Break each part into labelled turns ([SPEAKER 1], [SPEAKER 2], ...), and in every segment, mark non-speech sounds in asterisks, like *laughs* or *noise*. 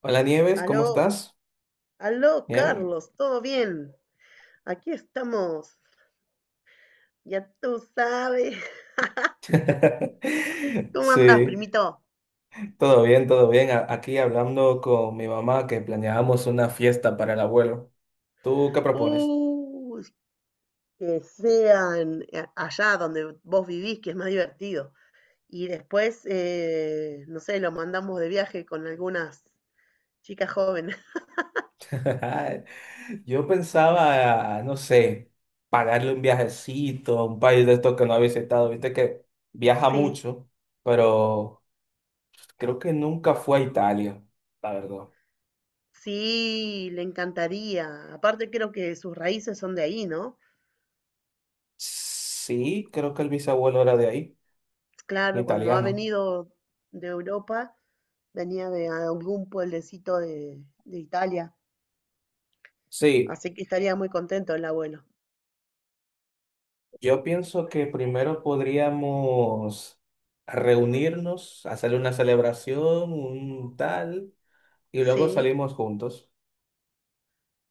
[SPEAKER 1] Hola Nieves, ¿cómo
[SPEAKER 2] Aló,
[SPEAKER 1] estás?
[SPEAKER 2] aló,
[SPEAKER 1] Nieves.
[SPEAKER 2] Carlos, ¿todo bien? Aquí estamos. Ya tú sabes. *laughs*
[SPEAKER 1] *laughs*
[SPEAKER 2] ¿Cómo andas,
[SPEAKER 1] Sí,
[SPEAKER 2] primito?
[SPEAKER 1] todo bien, todo bien. Aquí hablando con mi mamá que planeábamos una fiesta para el abuelo. ¿Tú qué propones?
[SPEAKER 2] Uy, que sean allá donde vos vivís, que es más divertido. Y después, no sé, lo mandamos de viaje con algunas chicas jóvenes. *laughs*
[SPEAKER 1] *laughs* Yo pensaba, no sé, pagarle un viajecito a un país de estos que no ha visitado. Viste que viaja
[SPEAKER 2] Sí,
[SPEAKER 1] mucho, pero creo que nunca fue a Italia, la verdad.
[SPEAKER 2] sí, le encantaría. Aparte creo que sus raíces son de ahí, ¿no?
[SPEAKER 1] Sí, creo que el bisabuelo era de ahí, un
[SPEAKER 2] Claro, cuando ha
[SPEAKER 1] italiano.
[SPEAKER 2] venido de Europa, venía de algún pueblecito de Italia,
[SPEAKER 1] Sí,
[SPEAKER 2] así que estaría muy contento el abuelo.
[SPEAKER 1] yo pienso que primero podríamos reunirnos, hacer una celebración, un tal, y luego
[SPEAKER 2] Sí,
[SPEAKER 1] salimos juntos.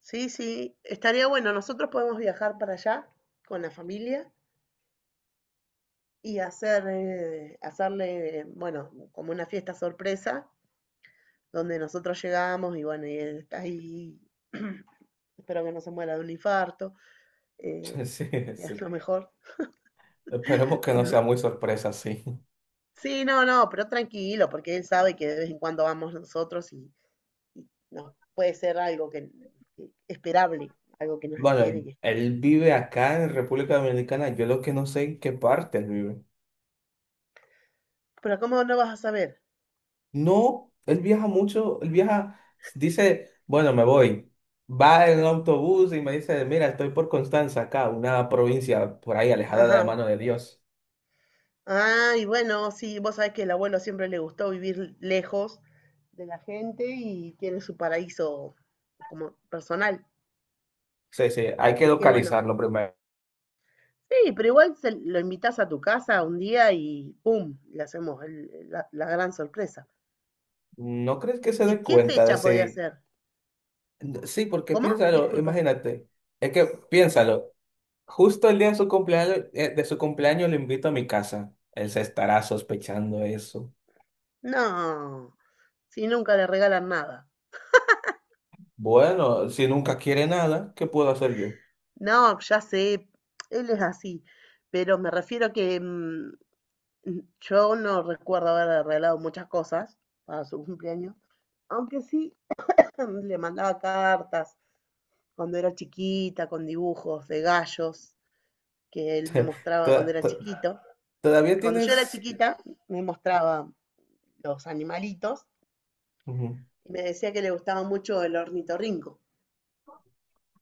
[SPEAKER 2] sí, sí, estaría bueno. Nosotros podemos viajar para allá con la familia y hacer, hacerle, bueno, como una fiesta sorpresa, donde nosotros llegamos y bueno, y él está ahí, *clears throat* espero que no se muera de un infarto, eh,
[SPEAKER 1] *laughs* Sí,
[SPEAKER 2] sería
[SPEAKER 1] sí.
[SPEAKER 2] lo mejor.
[SPEAKER 1] Esperemos que no
[SPEAKER 2] Cuando-
[SPEAKER 1] sea muy sorpresa, sí.
[SPEAKER 2] Sí, no, no, pero tranquilo, porque él sabe que de vez en cuando vamos nosotros y, no, puede ser algo que esperable, algo que nos
[SPEAKER 1] Bueno,
[SPEAKER 2] espere.
[SPEAKER 1] él, él vive acá en República Dominicana. Yo lo que no sé en qué parte él vive.
[SPEAKER 2] Pero ¿cómo no vas a saber?
[SPEAKER 1] No, él viaja mucho. Él viaja, dice, bueno, me voy. Va en autobús y me dice, mira, estoy por Constanza acá, una provincia por ahí alejada de la
[SPEAKER 2] Ajá.
[SPEAKER 1] mano de Dios.
[SPEAKER 2] Ah, y bueno, sí, vos sabés que el abuelo siempre le gustó vivir lejos de la gente y tiene su paraíso como personal.
[SPEAKER 1] Sí, sí, hay que
[SPEAKER 2] Así que bueno,
[SPEAKER 1] localizarlo primero.
[SPEAKER 2] sí, pero igual se lo invitás a tu casa un día y ¡pum! Le hacemos la, la gran sorpresa.
[SPEAKER 1] ¿No crees que se
[SPEAKER 2] ¿Y
[SPEAKER 1] dé
[SPEAKER 2] qué
[SPEAKER 1] cuenta de
[SPEAKER 2] fecha podría
[SPEAKER 1] si...
[SPEAKER 2] ser?
[SPEAKER 1] Sí, porque
[SPEAKER 2] ¿Cómo?
[SPEAKER 1] piénsalo,
[SPEAKER 2] Disculpa.
[SPEAKER 1] imagínate. Es que piénsalo. Justo el día de su cumpleaños lo invito a mi casa. Él se estará sospechando eso.
[SPEAKER 2] No, si nunca le regalan nada.
[SPEAKER 1] Bueno, si nunca quiere nada, ¿qué puedo hacer yo?
[SPEAKER 2] No, ya sé, él es así, pero me refiero que yo no recuerdo haber regalado muchas cosas para su cumpleaños, aunque sí *clears throat* le mandaba cartas cuando era chiquita, con dibujos de gallos que él me mostraba cuando
[SPEAKER 1] Toda-
[SPEAKER 2] era
[SPEAKER 1] to-
[SPEAKER 2] chiquito.
[SPEAKER 1] Todavía
[SPEAKER 2] Cuando yo era
[SPEAKER 1] tienes...
[SPEAKER 2] chiquita, me mostraba los animalitos
[SPEAKER 1] Ujú.
[SPEAKER 2] y me decía que le gustaba mucho el ornitorrinco.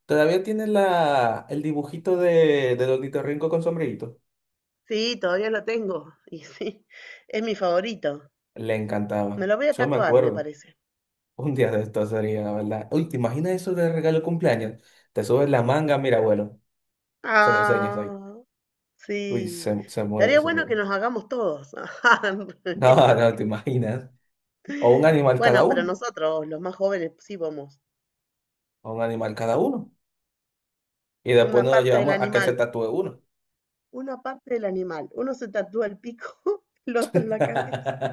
[SPEAKER 1] Todavía tienes la, el dibujito de, del ornitorrinco con sombrerito.
[SPEAKER 2] Sí, todavía lo tengo *laughs* y sí, es mi favorito.
[SPEAKER 1] Le
[SPEAKER 2] Me
[SPEAKER 1] encantaba.
[SPEAKER 2] lo voy a
[SPEAKER 1] Yo me
[SPEAKER 2] tatuar, me
[SPEAKER 1] acuerdo.
[SPEAKER 2] parece.
[SPEAKER 1] Un día de esto sería, la verdad. Uy, ¿te imaginas eso de regalo de cumpleaños? Te subes la manga, mira, abuelo, se lo enseñas ahí.
[SPEAKER 2] Ah,
[SPEAKER 1] Uy,
[SPEAKER 2] sí.
[SPEAKER 1] se muere,
[SPEAKER 2] Estaría
[SPEAKER 1] se
[SPEAKER 2] bueno que
[SPEAKER 1] muere. *laughs*
[SPEAKER 2] nos hagamos todos.
[SPEAKER 1] No, no, ¿te
[SPEAKER 2] *laughs*
[SPEAKER 1] imaginas? O un animal cada
[SPEAKER 2] Bueno, pero
[SPEAKER 1] uno,
[SPEAKER 2] nosotros, los más jóvenes, sí vamos.
[SPEAKER 1] o un animal cada uno. Y después
[SPEAKER 2] Una
[SPEAKER 1] nos lo
[SPEAKER 2] parte del
[SPEAKER 1] llevamos a que él se
[SPEAKER 2] animal,
[SPEAKER 1] tatúe uno.
[SPEAKER 2] una parte del animal. Uno se tatúa el pico, *laughs* el otro la cabeza.
[SPEAKER 1] *laughs*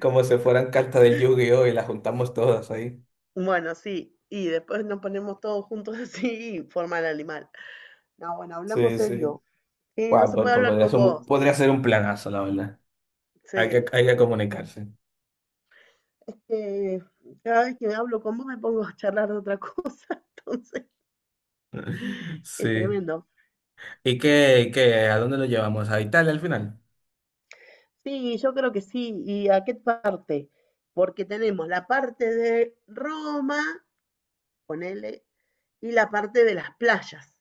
[SPEAKER 1] Como si fueran cartas del Yu-Gi-Oh! Y las juntamos todas ahí.
[SPEAKER 2] Bueno, sí. Y después nos ponemos todos juntos *laughs* así y forma el animal. No, bueno, hablamos
[SPEAKER 1] Sí, sí.
[SPEAKER 2] serio. No
[SPEAKER 1] Guau,
[SPEAKER 2] se puede hablar con vos.
[SPEAKER 1] podría ser un planazo, la verdad. Hay que,
[SPEAKER 2] Sí.
[SPEAKER 1] hay que comunicarse.
[SPEAKER 2] Eh, cada vez que hablo con vos me pongo a charlar de otra cosa. *laughs* Entonces, es
[SPEAKER 1] Sí.
[SPEAKER 2] tremendo.
[SPEAKER 1] ¿Y qué? ¿A dónde lo llevamos? ¿A Italia al final?
[SPEAKER 2] Sí, yo creo que sí. ¿Y a qué parte? Porque tenemos la parte de Roma, ponele, y la parte de las playas.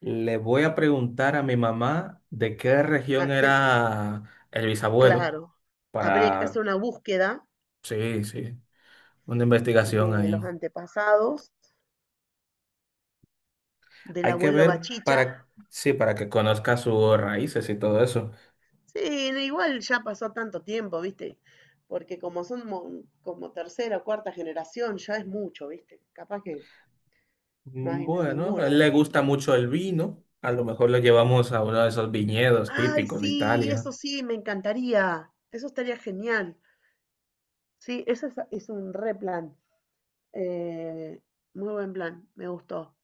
[SPEAKER 1] Le voy a preguntar a mi mamá de qué región
[SPEAKER 2] Ah, que-
[SPEAKER 1] era el bisabuelo
[SPEAKER 2] claro, habría que hacer
[SPEAKER 1] para,
[SPEAKER 2] una búsqueda
[SPEAKER 1] sí, sí, una investigación
[SPEAKER 2] de los
[SPEAKER 1] ahí.
[SPEAKER 2] antepasados, del
[SPEAKER 1] Hay que
[SPEAKER 2] abuelo
[SPEAKER 1] ver
[SPEAKER 2] Bachicha.
[SPEAKER 1] para, sí, para que conozca sus raíces y todo eso.
[SPEAKER 2] Sí, no, igual ya pasó tanto tiempo, ¿viste? Porque como son como tercera o cuarta generación, ya es mucho, ¿viste? Capaz que no hay
[SPEAKER 1] Bueno, a
[SPEAKER 2] ninguno
[SPEAKER 1] él le
[SPEAKER 2] de...
[SPEAKER 1] gusta mucho el vino. A lo mejor lo llevamos a uno de esos viñedos
[SPEAKER 2] Ay,
[SPEAKER 1] típicos de
[SPEAKER 2] sí,
[SPEAKER 1] Italia.
[SPEAKER 2] eso sí, me encantaría. Eso estaría genial. Sí, eso es un re plan. Eh, muy buen plan, me gustó.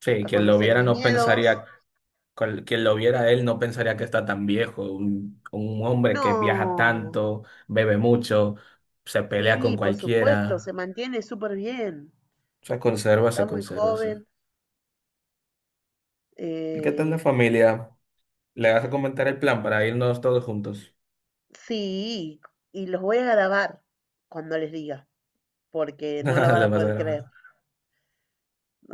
[SPEAKER 1] Sí,
[SPEAKER 2] A
[SPEAKER 1] quien lo
[SPEAKER 2] conocer
[SPEAKER 1] viera no
[SPEAKER 2] viñedos.
[SPEAKER 1] pensaría quien lo viera a él no pensaría que está tan viejo. Un hombre que viaja
[SPEAKER 2] No,
[SPEAKER 1] tanto, bebe mucho, se pelea con
[SPEAKER 2] sí, por supuesto, se
[SPEAKER 1] cualquiera,
[SPEAKER 2] mantiene súper bien. Está
[SPEAKER 1] se
[SPEAKER 2] muy
[SPEAKER 1] conserva, sí.
[SPEAKER 2] joven.
[SPEAKER 1] ¿Y qué tal la
[SPEAKER 2] Eh,
[SPEAKER 1] familia? ¿Le vas a comentar el plan para irnos todos juntos?
[SPEAKER 2] sí, y los voy a grabar cuando les diga, porque no lo
[SPEAKER 1] *laughs*
[SPEAKER 2] van
[SPEAKER 1] Le
[SPEAKER 2] a
[SPEAKER 1] vas a
[SPEAKER 2] poder
[SPEAKER 1] grabar.
[SPEAKER 2] creer.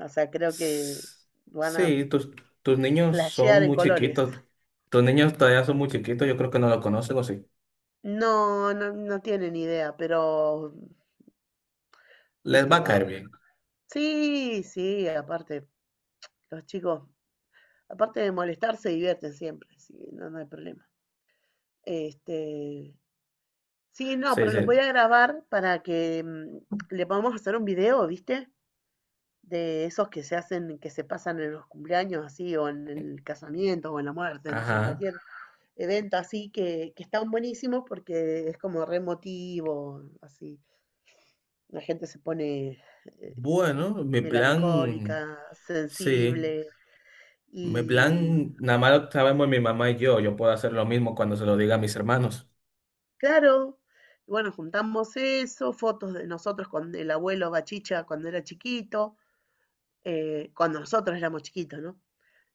[SPEAKER 2] O sea, creo que
[SPEAKER 1] S-
[SPEAKER 2] van a
[SPEAKER 1] Sí, tus niños son
[SPEAKER 2] flashear en
[SPEAKER 1] muy
[SPEAKER 2] colores.
[SPEAKER 1] chiquitos. Tus niños todavía son muy chiquitos, yo creo que no lo conocen o sí.
[SPEAKER 2] No, no, no tienen idea, pero,
[SPEAKER 1] Les
[SPEAKER 2] viste,
[SPEAKER 1] va a
[SPEAKER 2] no.
[SPEAKER 1] caer bien.
[SPEAKER 2] Sí, sí, aparte, los chicos aparte de molestar, se divierten siempre, así no, no hay problema. Este, sí, no,
[SPEAKER 1] Sí,
[SPEAKER 2] pero los
[SPEAKER 1] sí.
[SPEAKER 2] voy a grabar para que le podamos hacer un video, ¿viste? De esos que se hacen, que se pasan en los cumpleaños así, o en el casamiento, o en la muerte, no sé, en
[SPEAKER 1] Ajá.
[SPEAKER 2] cualquier evento así, que están buenísimos porque es como re emotivo, así. La gente se pone
[SPEAKER 1] Bueno, mi plan,
[SPEAKER 2] melancólica,
[SPEAKER 1] sí.
[SPEAKER 2] sensible,
[SPEAKER 1] En
[SPEAKER 2] y
[SPEAKER 1] plan, nada más lo sabemos mi mamá y yo. Yo puedo hacer lo mismo cuando se lo diga a mis hermanos.
[SPEAKER 2] claro. Bueno, juntamos eso, fotos de nosotros con el abuelo Bachicha cuando era chiquito, cuando nosotros éramos chiquitos, ¿no?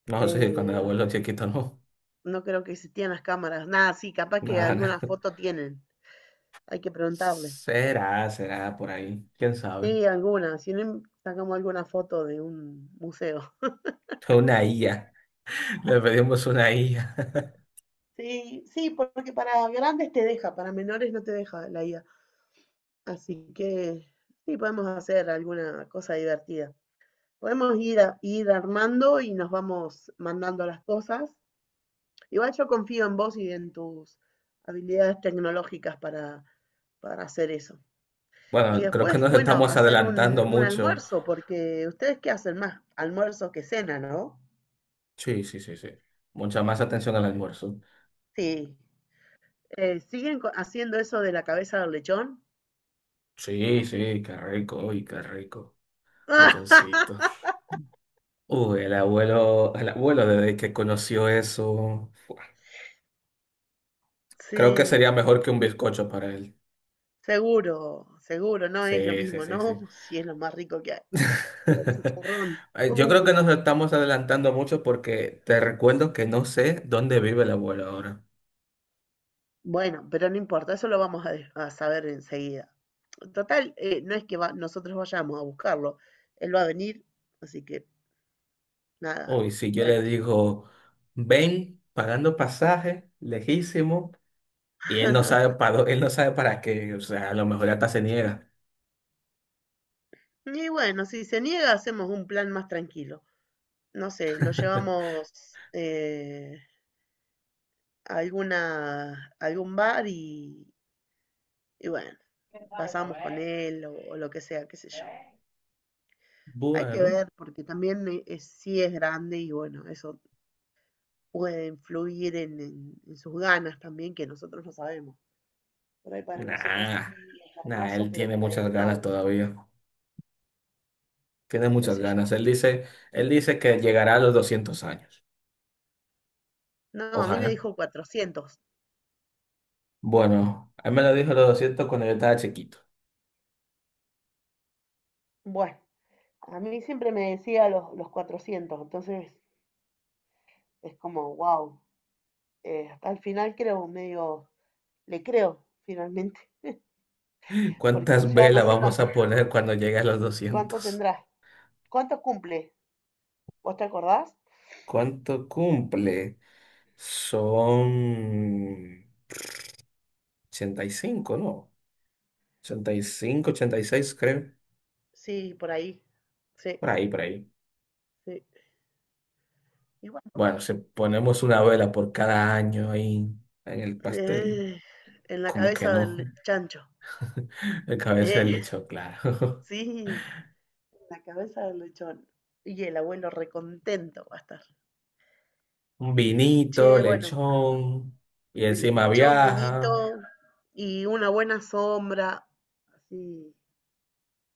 [SPEAKER 1] No sé, cuando el
[SPEAKER 2] Eh,
[SPEAKER 1] abuelo chiquito no.
[SPEAKER 2] no creo que existían las cámaras, nada, sí,
[SPEAKER 1] *laughs*
[SPEAKER 2] capaz que
[SPEAKER 1] Nada,
[SPEAKER 2] alguna
[SPEAKER 1] nada.
[SPEAKER 2] foto tienen, hay que preguntarle.
[SPEAKER 1] Será, será por ahí. ¿Quién sabe?
[SPEAKER 2] Sí, alguna, si no, sacamos alguna foto de un museo.
[SPEAKER 1] Una IA. *laughs* Le pedimos una IA.
[SPEAKER 2] Sí, sí, porque para grandes te deja, para menores no te deja la IA. Así que sí, podemos hacer alguna cosa divertida. Podemos ir, ir armando y nos vamos mandando las cosas. Igual yo confío en vos y en tus habilidades tecnológicas para hacer eso. Y
[SPEAKER 1] Bueno, creo que
[SPEAKER 2] después,
[SPEAKER 1] nos
[SPEAKER 2] bueno,
[SPEAKER 1] estamos
[SPEAKER 2] hacer
[SPEAKER 1] adelantando
[SPEAKER 2] un
[SPEAKER 1] mucho.
[SPEAKER 2] almuerzo, porque ustedes qué hacen más, almuerzo que cena, ¿no?
[SPEAKER 1] Sí, sí, sí, sí. Mucha más atención al almuerzo.
[SPEAKER 2] Sí. ¿Siguen haciendo eso de la cabeza del lechón?
[SPEAKER 1] Sí, sí, qué rico, uy, qué rico. Lechoncito.
[SPEAKER 2] *laughs*
[SPEAKER 1] Uy, el abuelo desde que conoció eso, creo que sería
[SPEAKER 2] Sí,
[SPEAKER 1] mejor que un bizcocho para él.
[SPEAKER 2] seguro, seguro, no es lo
[SPEAKER 1] Sí, sí,
[SPEAKER 2] mismo, ¿no?
[SPEAKER 1] sí, sí.
[SPEAKER 2] *laughs* Sí, es lo más rico que hay. El
[SPEAKER 1] *laughs*
[SPEAKER 2] chicharrón.
[SPEAKER 1] Yo creo que nos estamos adelantando mucho porque te recuerdo que no sé dónde vive el abuelo ahora.
[SPEAKER 2] Bueno, pero no importa, eso lo vamos a, a saber enseguida. Total, no es que nosotros vayamos a buscarlo, él va a venir, así que nada,
[SPEAKER 1] Uy, si yo le
[SPEAKER 2] tranqui.
[SPEAKER 1] digo, ven pagando pasaje, lejísimo, y él no sabe
[SPEAKER 2] *laughs*
[SPEAKER 1] para qué, o sea, a lo mejor hasta se niega.
[SPEAKER 2] Y bueno, si se niega, hacemos un plan más tranquilo. No sé, lo
[SPEAKER 1] *laughs*
[SPEAKER 2] llevamos a alguna, a algún bar y bueno, pasamos con él o lo que sea, qué sé yo. Hay que
[SPEAKER 1] Bueno,
[SPEAKER 2] ver, porque también sí es grande y bueno, eso puede influir en, en sus ganas también, que nosotros no sabemos. Por ahí para nosotros sí
[SPEAKER 1] nah,
[SPEAKER 2] es
[SPEAKER 1] nah,
[SPEAKER 2] hermoso,
[SPEAKER 1] él
[SPEAKER 2] pero
[SPEAKER 1] tiene
[SPEAKER 2] para
[SPEAKER 1] muchas
[SPEAKER 2] él no,
[SPEAKER 1] ganas
[SPEAKER 2] ¿viste?
[SPEAKER 1] todavía. Tiene
[SPEAKER 2] Qué
[SPEAKER 1] muchas
[SPEAKER 2] sé yo.
[SPEAKER 1] ganas. Él dice que llegará a los 200 años.
[SPEAKER 2] No, a mí me
[SPEAKER 1] Ojalá.
[SPEAKER 2] dijo 400.
[SPEAKER 1] Bueno, él me lo dijo a los 200 cuando yo estaba chiquito.
[SPEAKER 2] Bueno, a mí siempre me decía los 400, entonces es como, wow, hasta el final creo, medio, le creo finalmente, *laughs* porque
[SPEAKER 1] ¿Cuántas
[SPEAKER 2] ya no
[SPEAKER 1] velas
[SPEAKER 2] sé
[SPEAKER 1] vamos
[SPEAKER 2] cuánto,
[SPEAKER 1] a poner cuando llegue a los
[SPEAKER 2] cuánto
[SPEAKER 1] 200?
[SPEAKER 2] tendrá, cuánto cumple, ¿vos te acordás?
[SPEAKER 1] ¿Cuánto cumple? Son 85, ¿no? 85, 86, creo.
[SPEAKER 2] Sí, por ahí. Sí,
[SPEAKER 1] Por ahí, por ahí.
[SPEAKER 2] sí. Y bueno,
[SPEAKER 1] Bueno, si ponemos una vela por cada año ahí en el pastel,
[SPEAKER 2] eh, en la
[SPEAKER 1] como que
[SPEAKER 2] cabeza del
[SPEAKER 1] no.
[SPEAKER 2] chancho.
[SPEAKER 1] *laughs* El cabeza
[SPEAKER 2] ¿Eh?
[SPEAKER 1] del
[SPEAKER 2] *laughs*
[SPEAKER 1] lechón, claro.
[SPEAKER 2] Sí, en la cabeza del lechón. Y el abuelo recontento va a estar.
[SPEAKER 1] *laughs* Un vinito,
[SPEAKER 2] Che, bueno,
[SPEAKER 1] lechón, y encima
[SPEAKER 2] lechón, minito
[SPEAKER 1] viaja.
[SPEAKER 2] y una buena sombra, así,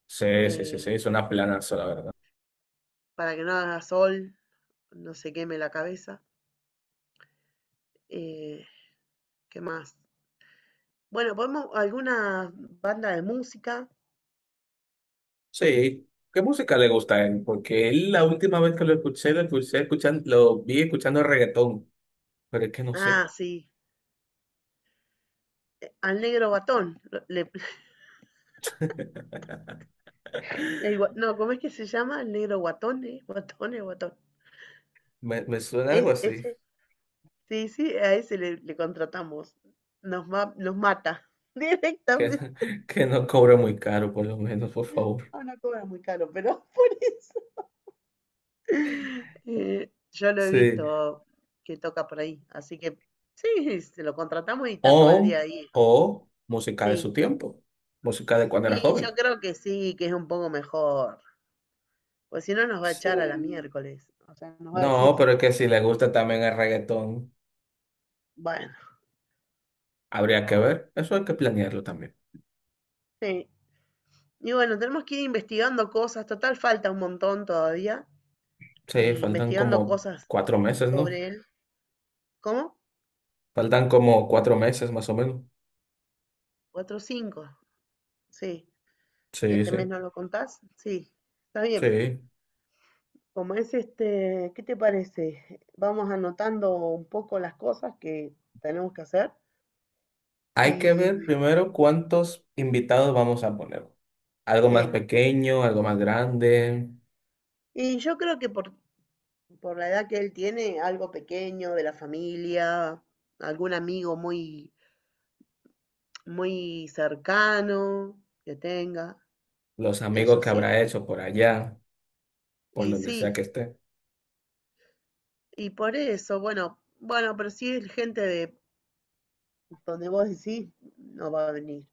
[SPEAKER 1] Sí, sí, sí, sí, es
[SPEAKER 2] eh,
[SPEAKER 1] una planazo, la verdad.
[SPEAKER 2] para que no haga sol, no se queme la cabeza. Eh, ¿Qué más? Bueno, podemos alguna banda de música.
[SPEAKER 1] Sí, ¿qué música le gusta a él? Porque él, la última vez que lo escuché escuchando, lo vi escuchando reggaetón, pero es que no sé,
[SPEAKER 2] Ah, sí. Al negro guatón. *laughs* No, ¿cómo es que se llama? El negro guatón, ¿eh? Guatón, el guatón.
[SPEAKER 1] me suena algo
[SPEAKER 2] Es,
[SPEAKER 1] así,
[SPEAKER 2] ese, sí, sí, a ese le, le contratamos. Nos, nos mata *laughs*
[SPEAKER 1] que,
[SPEAKER 2] directamente.
[SPEAKER 1] *laughs* que no cobra muy caro, por lo menos, por favor.
[SPEAKER 2] Ah, no cobra muy caro, pero *laughs* por eso. Yo lo he
[SPEAKER 1] Sí,
[SPEAKER 2] visto que toca por ahí, así que sí, se lo contratamos y está todo el
[SPEAKER 1] o,
[SPEAKER 2] día ahí.
[SPEAKER 1] o música de
[SPEAKER 2] Sí,
[SPEAKER 1] su tiempo, música de cuando era
[SPEAKER 2] y
[SPEAKER 1] joven.
[SPEAKER 2] yo creo que sí, que es un poco mejor, pues si no nos va a echar a la
[SPEAKER 1] Sí.
[SPEAKER 2] miércoles, o sea, nos va a
[SPEAKER 1] No,
[SPEAKER 2] decir,
[SPEAKER 1] pero es que si le gusta también el reggaetón,
[SPEAKER 2] bueno,
[SPEAKER 1] habría que ver, eso hay que planearlo también.
[SPEAKER 2] sí. Y bueno, tenemos que ir investigando cosas, total falta un montón todavía,
[SPEAKER 1] Sí,
[SPEAKER 2] y
[SPEAKER 1] faltan
[SPEAKER 2] investigando
[SPEAKER 1] como
[SPEAKER 2] cosas
[SPEAKER 1] 4 meses, ¿no?
[SPEAKER 2] sobre él. ¿Cómo?
[SPEAKER 1] Faltan como cuatro meses más o menos.
[SPEAKER 2] Cuatro, cinco. Sí. Si
[SPEAKER 1] Sí,
[SPEAKER 2] este mes
[SPEAKER 1] sí.
[SPEAKER 2] no lo contás, sí. Está bien.
[SPEAKER 1] Sí.
[SPEAKER 2] Como es este, ¿qué te parece? Vamos anotando un poco las cosas que tenemos que hacer.
[SPEAKER 1] Hay que
[SPEAKER 2] Y
[SPEAKER 1] ver primero cuántos invitados vamos a poner. Algo más
[SPEAKER 2] sí.
[SPEAKER 1] pequeño, algo más grande,
[SPEAKER 2] Y yo creo que por la edad que él tiene, algo pequeño de la familia, algún amigo muy, muy cercano que tenga,
[SPEAKER 1] los amigos
[SPEAKER 2] eso
[SPEAKER 1] que
[SPEAKER 2] sí.
[SPEAKER 1] habrá hecho por allá, por
[SPEAKER 2] Y
[SPEAKER 1] donde sea
[SPEAKER 2] sí,
[SPEAKER 1] que esté.
[SPEAKER 2] y por eso, bueno, bueno, pero si es gente de donde vos decís, no va a venir.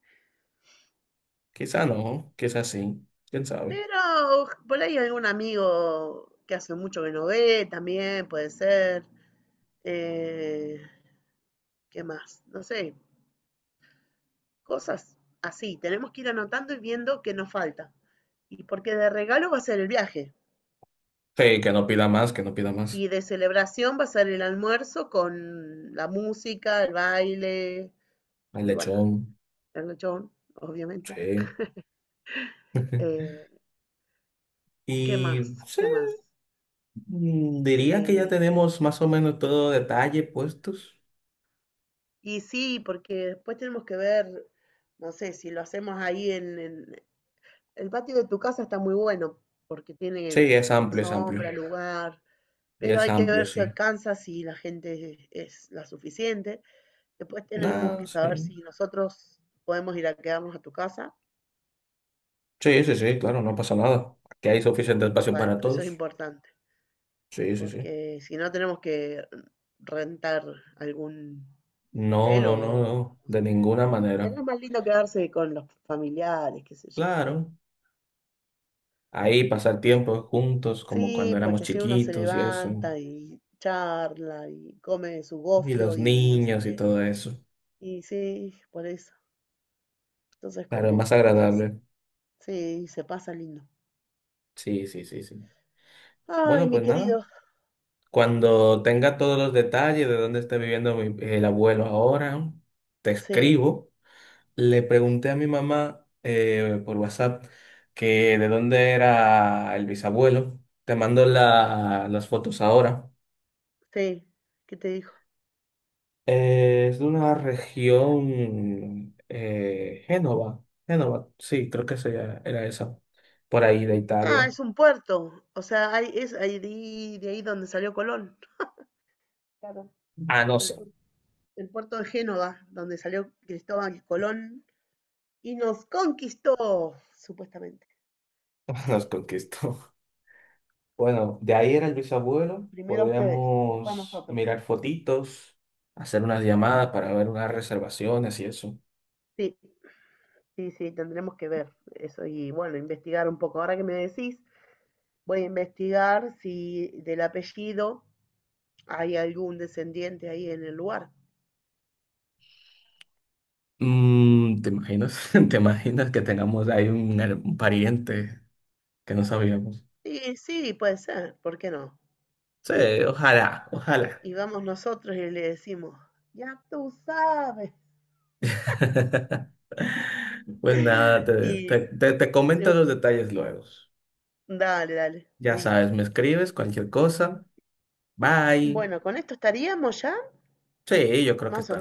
[SPEAKER 1] Quizá no, quizá sí, quién sabe.
[SPEAKER 2] Pero por ahí algún amigo que hace mucho que no ve también puede ser. Eh, ¿Qué más? No sé, cosas así. Tenemos que ir anotando y viendo qué nos falta. Y porque de regalo va a ser el viaje.
[SPEAKER 1] Sí, que no pida más, que no pida más.
[SPEAKER 2] Y de celebración va a ser el almuerzo con la música, el baile
[SPEAKER 1] El
[SPEAKER 2] y bueno,
[SPEAKER 1] lechón,
[SPEAKER 2] el lechón, obviamente.
[SPEAKER 1] sí. *laughs*
[SPEAKER 2] Eh, ¿Qué
[SPEAKER 1] Y
[SPEAKER 2] más?
[SPEAKER 1] sí,
[SPEAKER 2] ¿Qué más?
[SPEAKER 1] diría que ya
[SPEAKER 2] Eh,
[SPEAKER 1] tenemos más o menos todo detalle puestos.
[SPEAKER 2] Y sí, porque después tenemos que ver, no sé, si lo hacemos ahí en, el patio de tu casa está muy bueno porque
[SPEAKER 1] Sí,
[SPEAKER 2] tiene
[SPEAKER 1] es amplio, es
[SPEAKER 2] sombra,
[SPEAKER 1] amplio.
[SPEAKER 2] lugar,
[SPEAKER 1] Y
[SPEAKER 2] pero
[SPEAKER 1] es
[SPEAKER 2] hay que
[SPEAKER 1] amplio,
[SPEAKER 2] ver si
[SPEAKER 1] sí.
[SPEAKER 2] alcanza, si la gente es la suficiente. Después tenemos
[SPEAKER 1] No,
[SPEAKER 2] que saber
[SPEAKER 1] sí.
[SPEAKER 2] si nosotros podemos ir a quedarnos a tu casa.
[SPEAKER 1] Sí, sí, sí, claro, no pasa nada. Aquí hay suficiente espacio
[SPEAKER 2] Bueno,
[SPEAKER 1] para
[SPEAKER 2] eso es
[SPEAKER 1] todos.
[SPEAKER 2] importante,
[SPEAKER 1] Sí, sí, sí.
[SPEAKER 2] porque si no tenemos que rentar algún
[SPEAKER 1] No,
[SPEAKER 2] hotel
[SPEAKER 1] no, no,
[SPEAKER 2] o...
[SPEAKER 1] no, de ninguna manera.
[SPEAKER 2] es más lindo quedarse con los familiares, qué sé yo.
[SPEAKER 1] Claro, ahí pasar tiempo juntos como cuando
[SPEAKER 2] Sí,
[SPEAKER 1] éramos
[SPEAKER 2] porque si uno se
[SPEAKER 1] chiquitos y eso.
[SPEAKER 2] levanta y charla y come su
[SPEAKER 1] Y
[SPEAKER 2] gofio
[SPEAKER 1] los
[SPEAKER 2] y no sé
[SPEAKER 1] niños y
[SPEAKER 2] qué.
[SPEAKER 1] todo eso.
[SPEAKER 2] Y sí, por eso. Entonces
[SPEAKER 1] Claro, es más
[SPEAKER 2] como más.
[SPEAKER 1] agradable.
[SPEAKER 2] Sí, se pasa lindo.
[SPEAKER 1] Sí, sí, sí, sí.
[SPEAKER 2] Ay,
[SPEAKER 1] Bueno,
[SPEAKER 2] mi
[SPEAKER 1] pues nada.
[SPEAKER 2] querido.
[SPEAKER 1] Cuando tenga todos los detalles de dónde está viviendo el abuelo ahora, te
[SPEAKER 2] Sí,
[SPEAKER 1] escribo. Le pregunté a mi mamá por WhatsApp que de dónde era el bisabuelo. Te mando las fotos ahora.
[SPEAKER 2] sí. ¿Qué te dijo?
[SPEAKER 1] Es de una región, Génova. Génova, sí, creo que era esa. Por ahí de
[SPEAKER 2] Ah,
[SPEAKER 1] Italia.
[SPEAKER 2] es un puerto. O sea, hay, es ahí de ahí donde salió Colón. Claro,
[SPEAKER 1] Ah, no
[SPEAKER 2] el,
[SPEAKER 1] sé.
[SPEAKER 2] puer- el puerto de Génova, donde salió Cristóbal Colón y nos conquistó, supuestamente.
[SPEAKER 1] *laughs* Nos conquistó. Bueno, de ahí era el bisabuelo.
[SPEAKER 2] Primero a ustedes, después a
[SPEAKER 1] Podríamos
[SPEAKER 2] nosotros.
[SPEAKER 1] mirar fotitos, hacer unas llamadas para ver unas reservaciones y eso.
[SPEAKER 2] Sí. Sí, sí, tendremos que ver eso y bueno, investigar un poco. Ahora que me decís, voy a investigar si del apellido hay algún descendiente ahí en el lugar.
[SPEAKER 1] Mm, ¿te imaginas? *laughs* ¿Te imaginas que tengamos ahí un, un pariente que no sabíamos?
[SPEAKER 2] Sí, sí, puede ser, ¿por qué no?
[SPEAKER 1] Sí, ojalá, ojalá.
[SPEAKER 2] Y vamos nosotros y le decimos, ya tú sabes.
[SPEAKER 1] *laughs* Pues nada,
[SPEAKER 2] *laughs* Y
[SPEAKER 1] te comento
[SPEAKER 2] se-
[SPEAKER 1] los detalles luego.
[SPEAKER 2] dale, dale,
[SPEAKER 1] Ya sabes,
[SPEAKER 2] listo.
[SPEAKER 1] me escribes cualquier cosa. Bye.
[SPEAKER 2] Bueno, con esto estaríamos ya,
[SPEAKER 1] Sí, yo creo que
[SPEAKER 2] más
[SPEAKER 1] está.
[SPEAKER 2] o